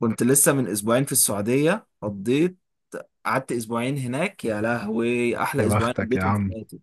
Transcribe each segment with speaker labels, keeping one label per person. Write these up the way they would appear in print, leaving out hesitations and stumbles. Speaker 1: كنت لسه من اسبوعين في السعودية قضيت قعدت اسبوعين هناك. يا لهوي احلى
Speaker 2: يا
Speaker 1: اسبوعين
Speaker 2: بختك يا
Speaker 1: قضيتهم في
Speaker 2: عم.
Speaker 1: حياتي.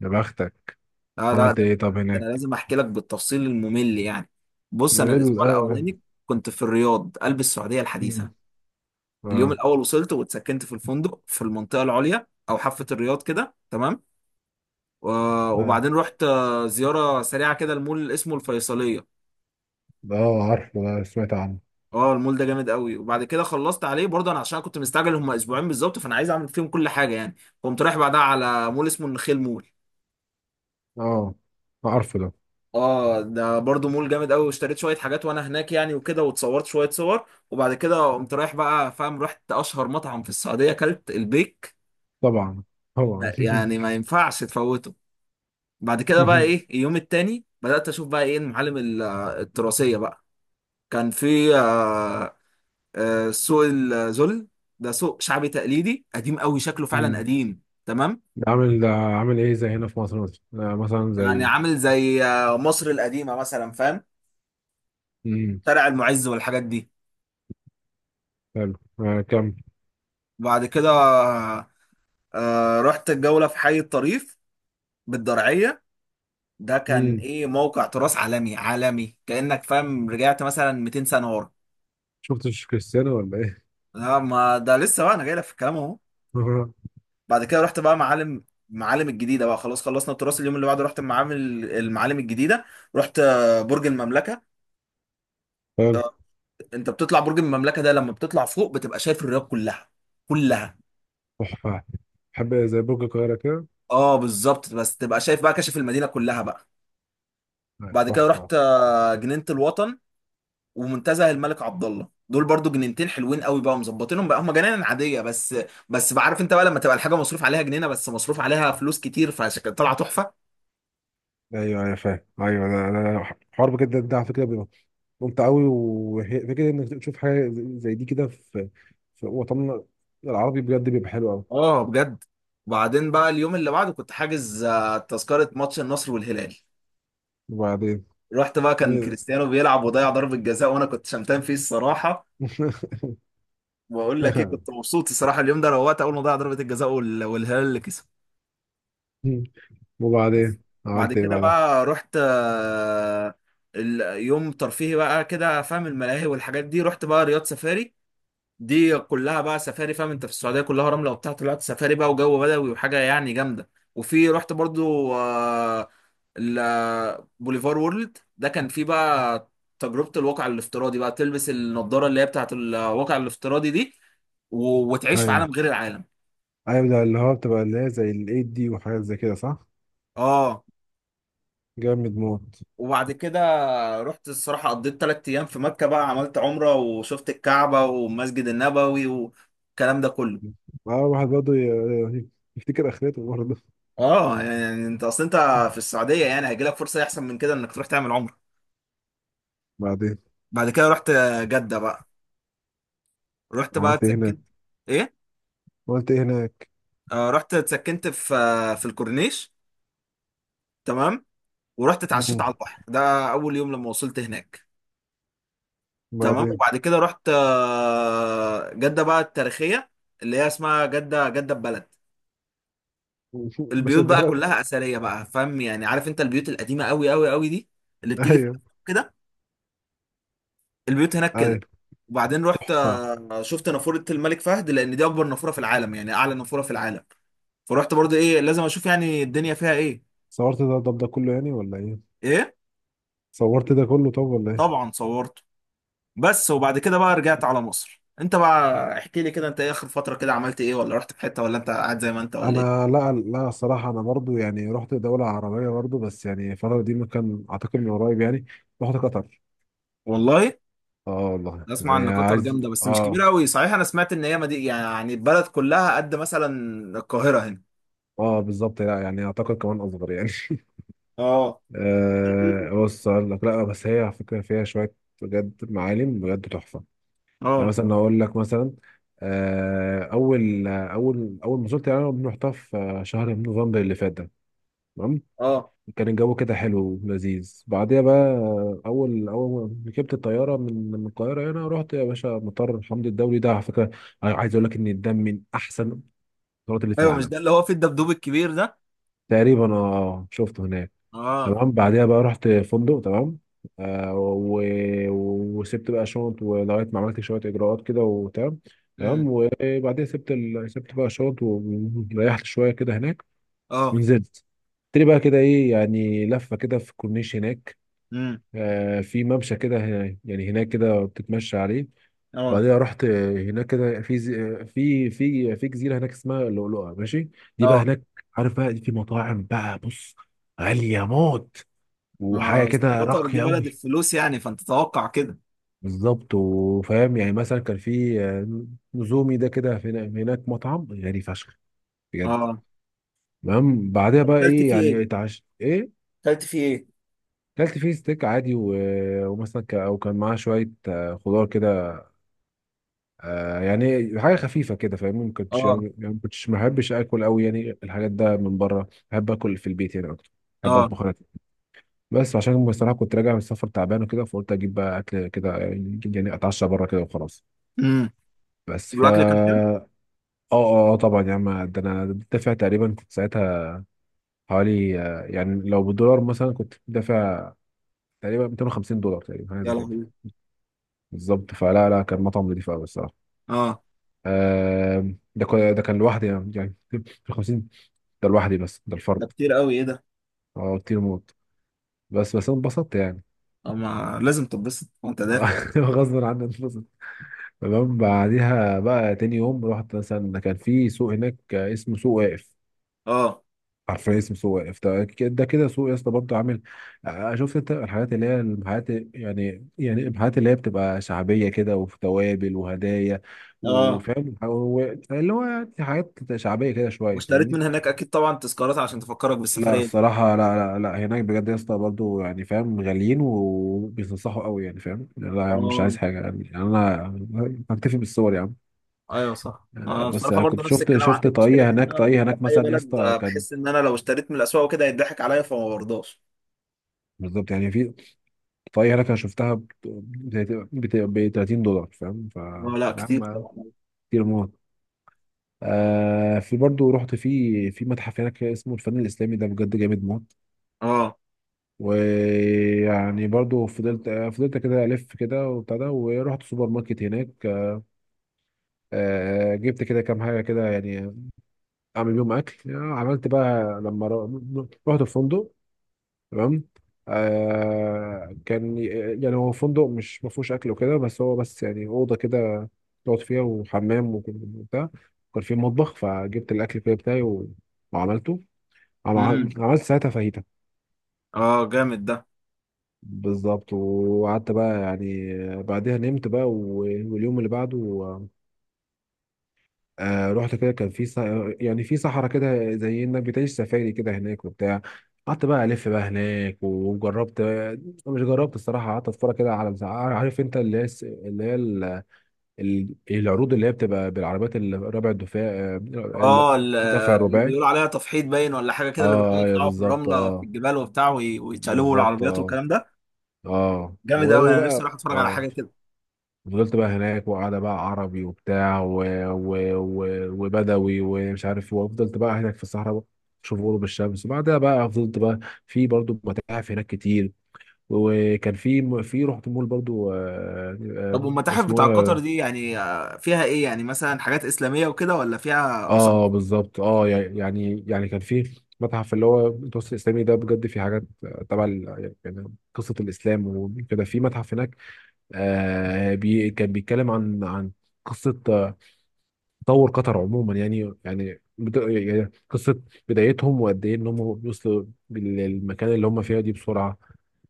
Speaker 2: يا بختك.
Speaker 1: لا لا
Speaker 2: عملت
Speaker 1: ده,
Speaker 2: ايه طب
Speaker 1: ده انا
Speaker 2: هناك؟
Speaker 1: لازم احكي لك بالتفصيل الممل يعني. بص انا
Speaker 2: ايه ال-
Speaker 1: الاسبوع
Speaker 2: آه،
Speaker 1: الاولاني كنت في الرياض قلب السعودية الحديثة.
Speaker 2: مم.
Speaker 1: اليوم
Speaker 2: اه.
Speaker 1: الاول وصلت واتسكنت في الفندق في المنطقة العليا او حافة الرياض كده تمام. و-
Speaker 2: آه.
Speaker 1: وبعدين رحت زيارة سريعة كده المول اسمه الفيصلية.
Speaker 2: ده عارفه، ده سمعت عنه.
Speaker 1: اه المول ده جامد قوي، وبعد كده خلصت عليه برضه انا عشان كنت مستعجل، هم اسبوعين بالظبط فانا عايز اعمل فيهم كل حاجه يعني. قمت رايح بعدها على مول اسمه النخيل مول.
Speaker 2: اه. عارفه ده.
Speaker 1: اه ده برضه مول جامد قوي، واشتريت شويه حاجات وانا هناك يعني وكده، واتصورت شويه صور. وبعد كده قمت رايح بقى، فاهم، رحت اشهر مطعم في السعوديه، اكلت البيك.
Speaker 2: طبعا. طبعا.
Speaker 1: يعني ما ينفعش تفوته. بعد كده بقى ايه، اليوم التاني بدات اشوف بقى ايه المعالم التراثيه بقى. كان في سوق الذل. ده سوق شعبي تقليدي قديم قوي، شكله فعلا
Speaker 2: مم.
Speaker 1: قديم تمام.
Speaker 2: ده عامل ده عامل ايه، زي هنا في مصر مثلا، مثلا
Speaker 1: يعني
Speaker 2: زي...
Speaker 1: عامل زي مصر القديمة مثلا، فاهم،
Speaker 2: مم.
Speaker 1: شارع المعز والحاجات دي.
Speaker 2: حلو. كم.
Speaker 1: بعد كده رحت الجولة في حي الطريف بالدرعية. ده كان
Speaker 2: مم.
Speaker 1: ايه، موقع تراث عالمي عالمي كأنك فاهم رجعت مثلا 200 سنة ورا.
Speaker 2: شفتش كريستيانو ولا ايه؟
Speaker 1: لا ما ده لسه، بقى انا جاي لك في الكلام اهو. بعد كده رحت بقى معالم، الجديدة بقى، خلاص خلصنا التراث. اليوم اللي بعده رحت المعالم، الجديدة. رحت برج المملكة.
Speaker 2: حلو.
Speaker 1: انت بتطلع برج المملكه ده لما بتطلع فوق، بتبقى شايف الرياض كلها كلها.
Speaker 2: تحفة. بحب زي برج القاهرة كده.
Speaker 1: اه بالظبط، بس تبقى شايف بقى كشف المدينه كلها بقى. بعد كده
Speaker 2: تحفة.
Speaker 1: رحت جنينه الوطن ومنتزه الملك عبد الله. دول برضو جنينتين حلوين قوي بقى، مظبطينهم بقى، هم جنان عاديه بس، بس بعرف انت بقى لما تبقى الحاجه مصروف عليها جنينه، بس مصروف عليها فلوس كتير، فعشان طالعه تحفه.
Speaker 2: ايوه، ايوه، فاهم، ايوه، ده حوار بجد، ده على فكرة ممتع قوي. وفكره انك تشوف حاجه زي دي كده في وطننا العربي بجد بيبقى حلو قوي.
Speaker 1: اه بجد. وبعدين بقى اليوم اللي بعده كنت حاجز تذكره ماتش النصر والهلال.
Speaker 2: وبعدين
Speaker 1: رحت بقى، كان
Speaker 2: مين-
Speaker 1: كريستيانو بيلعب وضيع ضربه جزاء، وانا كنت شمتان فيه الصراحه. بقول لك ايه، كنت مبسوط الصراحه اليوم ده، روقت اول ما ضيع ضربه الجزاء وال- والهلال اللي كسب بس.
Speaker 2: وبعدين
Speaker 1: بعد
Speaker 2: عملت ايه
Speaker 1: كده
Speaker 2: بعدها؟
Speaker 1: بقى رحت اليوم ترفيهي بقى كده، فاهم، الملاهي والحاجات دي. رحت بقى رياض سفاري، دي كلها بقى سفاري، فاهم انت، في السعوديه كلها رمله وبتاع، طلعت سفاري بقى وجو بدوي وحاجه يعني جامده. وفي رحت برضو بوليفار وورلد، ده كان فيه بقى تجربه الواقع الافتراضي بقى، تلبس النضاره اللي هي بتاعت الواقع الافتراضي دي، و- وتعيش في
Speaker 2: ايوه،
Speaker 1: عالم غير العالم.
Speaker 2: ايوه، ده اللي هو بتبقى اللي هي زي الايد دي وحاجات زي كده، صح؟
Speaker 1: اه.
Speaker 2: جامد موت.
Speaker 1: وبعد كده رحت الصراحة، قضيت تلات أيام في مكة بقى، عملت عمرة وشفت الكعبة والمسجد النبوي والكلام ده كله.
Speaker 2: اه، واحد برضه يفتكر اخرته برضه.
Speaker 1: اه يعني انت اصل انت في السعودية يعني، هيجيلك فرصة احسن من كده انك تروح تعمل عمرة.
Speaker 2: بعدين
Speaker 1: بعد كده رحت جدة بقى، رحت بقى
Speaker 2: عملت ايه هناك؟
Speaker 1: اتسكنت. ايه؟
Speaker 2: عملت ايه هناك؟
Speaker 1: آه رحت اتسكنت في في الكورنيش تمام. ورحت اتعشيت
Speaker 2: مم.
Speaker 1: على البحر، ده اول يوم لما وصلت هناك. تمام.
Speaker 2: بعدين؟
Speaker 1: وبعد كده رحت جدة بقى التاريخية، اللي هي اسمها جدة جدة بلد.
Speaker 2: باشا
Speaker 1: البيوت بقى
Speaker 2: البلد.
Speaker 1: كلها اثريه بقى، فاهم يعني، عارف انت البيوت القديمه قوي قوي قوي دي اللي بتيجي في
Speaker 2: ايوه.
Speaker 1: الأفلام كده، البيوت هناك
Speaker 2: ايوه.
Speaker 1: كده. وبعدين رحت
Speaker 2: تحفه.
Speaker 1: شفت نافوره الملك فهد، لان دي اكبر نافوره في العالم يعني اعلى نافوره في العالم. فرحت برضو ايه، لازم اشوف يعني الدنيا فيها ايه.
Speaker 2: صورت ده كله يعني ولا ايه؟
Speaker 1: ايه؟
Speaker 2: صورت ده كله طب ولا ايه؟
Speaker 1: طبعا صورته. بس وبعد كده بقى رجعت على مصر. انت بقى احكي لي كده، انت ايه اخر فتره كده عملت ايه، ولا رحت في حته، ولا انت قاعد زي ما انت ولا ايه؟
Speaker 2: انا، لا لا، الصراحه انا برضو يعني رحت دوله عربيه برضو، بس يعني الفتره دي مكان اعتقد من قريب يعني. رحت قطر.
Speaker 1: والله؟
Speaker 2: اه والله،
Speaker 1: اسمع ان
Speaker 2: يعني
Speaker 1: قطر
Speaker 2: عايز
Speaker 1: جامده بس مش
Speaker 2: اه.
Speaker 1: كبيره قوي، صحيح انا سمعت ان هي يعني البلد كلها قد مثلا القاهره هنا.
Speaker 2: اه بالظبط، لا يعني اعتقد كمان اصغر يعني.
Speaker 1: اه.
Speaker 2: آه، بص اقول لك، لا بس هي على فكره فيها شويه بجد معالم بجد تحفه. يعني
Speaker 1: اه.
Speaker 2: مثلا اقول لك، مثلا اول ما زرت، يعني أنا رحتها في شهر نوفمبر اللي فات ده. تمام.
Speaker 1: اه.
Speaker 2: كان الجو كده حلو ولذيذ. بعديها بقى اول ما ركبت الطياره من القاهره هنا، رحت يا باشا مطار حمدي الدولي، ده على فكره عايز اقول لك ان ده من احسن القطارات اللي في
Speaker 1: ايوه، مش
Speaker 2: العالم.
Speaker 1: ده اللي هو في الدبدوب الكبير ده؟
Speaker 2: تقريبا، اه شفته هناك.
Speaker 1: اه.
Speaker 2: تمام. بعديها بقى رحت فندق. تمام. آه و... وسبت بقى شنط ولغايه ما عملت شويه اجراءات كده وتمام. تمام
Speaker 1: امم.
Speaker 2: وبعديها سبت سبت بقى شنط وريحت شويه كده هناك.
Speaker 1: اه.
Speaker 2: ونزلت تري بقى كده، ايه يعني، لفه كده في الكورنيش هناك.
Speaker 1: امم.
Speaker 2: في ممشى كده يعني هناك كده بتتمشى عليه.
Speaker 1: اه.
Speaker 2: بعدها رحت هناك كده في في في جزيره هناك اسمها اللؤلؤه، ماشي؟ دي بقى
Speaker 1: اه
Speaker 2: هناك عارف بقى، دي في مطاعم، بقى بص، غاليه موت وحاجه
Speaker 1: ما اصل
Speaker 2: كده
Speaker 1: قطر دي
Speaker 2: راقيه قوي.
Speaker 1: بلد الفلوس يعني، فانت تتوقع كده.
Speaker 2: بالظبط. وفاهم يعني، مثلا كان في نزومي، ده كده هناك مطعم غالي فشخ بجد.
Speaker 1: اه.
Speaker 2: تمام. بعدها
Speaker 1: طب
Speaker 2: بقى
Speaker 1: اكلت
Speaker 2: ايه
Speaker 1: فيه
Speaker 2: يعني،
Speaker 1: ايه؟
Speaker 2: اتعشت ايه.
Speaker 1: اكلت فيه ايه؟
Speaker 2: كلت فيه ستيك عادي ومثلا او كان معاه شويه خضار كده. آه يعني حاجه خفيفه كده، فاهمني؟ ما كنتش
Speaker 1: اه.
Speaker 2: يعني ما كنتش ما بحبش اكل قوي يعني الحاجات ده من بره، بحب اكل في البيت يعني اكتر. بحب
Speaker 1: اه.
Speaker 2: اطبخ انا. بس عشان بصراحه كنت راجع من السفر تعبان وكده، فقلت اجيب بقى اكل كده يعني، يعني اتعشى بره كده وخلاص.
Speaker 1: امم.
Speaker 2: بس فا.
Speaker 1: والاكل كان حلو؟
Speaker 2: اه. اه طبعا يا عم، ده انا دافع تقريبا، كنت ساعتها حوالي يعني لو بالدولار مثلا كنت دافع تقريبا 250 دولار تقريبا، حاجه
Speaker 1: يا
Speaker 2: زي كده.
Speaker 1: لهوي.
Speaker 2: بالظبط. فلا لا، كان مطعم نضيف قوي الصراحه.
Speaker 1: اه.
Speaker 2: ده كان لوحدي يعني، يعني 50. ده لوحدي بس، ده
Speaker 1: ده
Speaker 2: الفرد.
Speaker 1: كتير قوي، ايه ده؟
Speaker 2: اه كتير موت. بس، بس انا اتبسطت يعني.
Speaker 1: اه ما لازم تتبسط وانت دافع.
Speaker 2: غصبا عني اتبسط. تمام. بعديها بقى تاني يوم رحت، مثلا كان في سوق هناك اسمه سوق واقف.
Speaker 1: اه.
Speaker 2: عارفين اسمه سوق واقف، ده ده كده سوق يا اسطى، برضه عامل شفت انت الحاجات اللي هي المحلات، يعني يعني المحلات اللي هي بتبقى شعبيه كده وفي توابل وهدايا
Speaker 1: اه
Speaker 2: وفاهم اللي هو يعني حاجات شعبيه كده شويه،
Speaker 1: واشتريت
Speaker 2: فاهمني؟
Speaker 1: من هناك اكيد طبعا تذكارات عشان تفكرك
Speaker 2: لا
Speaker 1: بالسفريه دي.
Speaker 2: الصراحة، لا لا لا، هناك بجد يا اسطى برضه يعني فاهم، غاليين وبيتنصحوا قوي يعني فاهم، لا يا عم مش عايز
Speaker 1: اه.
Speaker 2: حاجة يعني، يعني أنا هكتفي بالصور يا عم.
Speaker 1: ايوه صح، انا
Speaker 2: بس
Speaker 1: بصراحه
Speaker 2: أنا
Speaker 1: برضه
Speaker 2: كنت
Speaker 1: نفس
Speaker 2: شفت
Speaker 1: الكلام
Speaker 2: شفت
Speaker 1: عندي، المشكله
Speaker 2: طاقية
Speaker 1: دي ان
Speaker 2: هناك،
Speaker 1: انا لما
Speaker 2: طاقية
Speaker 1: بروح
Speaker 2: هناك
Speaker 1: اي
Speaker 2: مثلا يا
Speaker 1: بلد
Speaker 2: اسطى كان
Speaker 1: بحس ان انا لو اشتريت من الاسواق وكده هيضحك عليا، فما برضاش.
Speaker 2: بالظبط يعني، في طاقية هناك أنا شفتها ب 30 دولار، فاهم؟ ف
Speaker 1: اه لا
Speaker 2: يا
Speaker 1: كتير
Speaker 2: عم
Speaker 1: طبعا.
Speaker 2: كتير موت. آه في برضه رحت في في متحف هناك اسمه الفن الإسلامي، ده بجد جامد موت.
Speaker 1: اه.
Speaker 2: ويعني برضو فضلت كده الف كده وبتاع ده. ورحت سوبر ماركت هناك، جبت كده كام حاجه كده يعني اعمل بيهم اكل. عملت بقى لما رحت الفندق. تمام. كان يعني هو فندق مش ما فيهوش اكل وكده، بس هو بس يعني اوضه كده تقعد فيها وحمام وكده وبتاع. وكان في مطبخ فجبت الاكل كده بتاعي وعملته.
Speaker 1: امم.
Speaker 2: عملت ساعتها فاهيتا.
Speaker 1: اه جامد ده.
Speaker 2: بالظبط وقعدت بقى يعني. بعدها نمت بقى واليوم اللي بعده رحت كده، كان في يعني في صحراء كده زي انك بتعيش سفاري كده هناك وبتاع. قعدت بقى الف بقى هناك وجربت، مش جربت الصراحه، قعدت اتفرج كده على، عارف انت اللي هي اللي هي العروض اللي هي بتبقى بالعربيات الربع الدفاع ال-
Speaker 1: اه،
Speaker 2: الدفع
Speaker 1: اللي
Speaker 2: الرباعي.
Speaker 1: بيقولوا عليها تفحيط باين ولا حاجه كده، اللي بيقعدوا
Speaker 2: اه يا
Speaker 1: يطلعوا في
Speaker 2: بالظبط
Speaker 1: الرمله في
Speaker 2: اه.
Speaker 1: الجبال وبتاع وي- ويتشقلبوا
Speaker 2: بالظبط
Speaker 1: العربيات
Speaker 2: اه.
Speaker 1: والكلام ده.
Speaker 2: اه
Speaker 1: جامد قوي،
Speaker 2: وهو
Speaker 1: انا نفسي
Speaker 2: بقى
Speaker 1: اروح اتفرج على
Speaker 2: اه.
Speaker 1: حاجه كده.
Speaker 2: فضلت بقى هناك وقاعدة بقى عربي وبتاع و... وبدوي ومش عارف إيه، وفضلت بقى هناك في الصحراء شوف غروب الشمس. وبعدها بقى فضلت بقى في برضو متاحف هناك كتير. وكان في، في رحت مول برضو
Speaker 1: طب والمتاحف
Speaker 2: اسمه
Speaker 1: بتاع قطر
Speaker 2: ايه.
Speaker 1: دي يعني فيها ايه يعني، مثلا حاجات اسلاميه وكده، ولا فيها اثار؟
Speaker 2: اه بالظبط اه، يعني يعني كان في متحف اللي هو المتوسط الاسلامي، ده بجد في حاجات تبع يعني قصه الاسلام وكده. في متحف هناك آه بي كان بيتكلم عن قصه تطور قطر عموما، يعني يعني يعني قصه بدايتهم وقد ايه ان هم وصلوا للمكان اللي هم فيها دي بسرعه.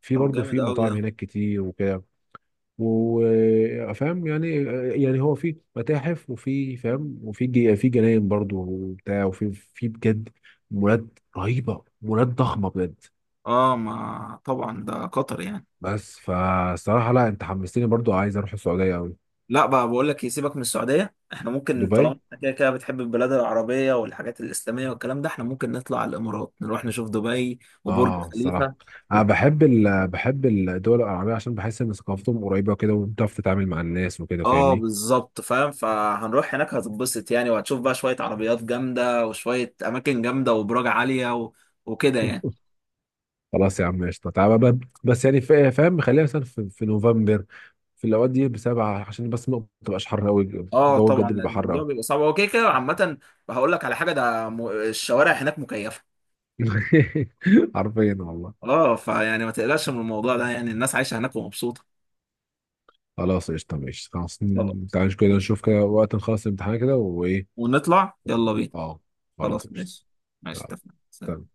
Speaker 2: في
Speaker 1: طب
Speaker 2: برضه
Speaker 1: جامد
Speaker 2: في
Speaker 1: قوي ده.
Speaker 2: مطاعم هناك كتير وكده. وفاهم يعني، يعني هو في متاحف وفي فاهم وفي في جناين برضه وبتاع وفي في بجد مولات رهيبه، مولات ضخمه بجد.
Speaker 1: اه ما طبعا ده قطر يعني.
Speaker 2: بس فالصراحه لا، انت حمستني برضه عايز اروح السعوديه قوي.
Speaker 1: لا بقى، بقول لك يسيبك من السعودية، احنا ممكن،
Speaker 2: دبي.
Speaker 1: طالما إحنا كده كده بتحب البلاد العربية والحاجات الإسلامية والكلام ده، احنا ممكن نطلع على الإمارات، نروح نشوف دبي وبرج
Speaker 2: اه الصراحه
Speaker 1: خليفة.
Speaker 2: انا بحب بحب الدول العربيه عشان بحس ان ثقافتهم قريبه كده وبتعرف تتعامل مع الناس وكده،
Speaker 1: اه
Speaker 2: فاهمني؟
Speaker 1: بالظبط، فاهم، فهنروح هناك هتتبسط يعني، وهتشوف بقى شوية عربيات جامدة وشوية أماكن جامدة وبراج عالية و... وكده يعني.
Speaker 2: خلاص يا عم قشطه، تعالى بقى. بس يعني فاهم خلينا مثلا في نوفمبر، في الاوقات دي بسبعه عشان بس ما تبقاش حر قوي.
Speaker 1: اه
Speaker 2: الجو
Speaker 1: طبعا،
Speaker 2: بجد
Speaker 1: لأن
Speaker 2: بيبقى حر
Speaker 1: الموضوع
Speaker 2: قوي.
Speaker 1: بيبقى صعب هو كده كده عامة. هقول لك على حاجة، الشوارع هناك مكيفة.
Speaker 2: حرفيا والله.
Speaker 1: اه، فيعني ما تقلقش من الموضوع ده، يعني الناس عايشة هناك ومبسوطة.
Speaker 2: خلاص قشطه ماشي. خلاص
Speaker 1: يلا.
Speaker 2: تعالى كده
Speaker 1: ماشي.
Speaker 2: نشوف كده وقت نخلص الامتحان كده وايه.
Speaker 1: ونطلع يلا بينا.
Speaker 2: اه. خلاص
Speaker 1: خلاص
Speaker 2: قشطه.
Speaker 1: ماشي. ماشي
Speaker 2: يلا.
Speaker 1: اتفقنا.
Speaker 2: سلام.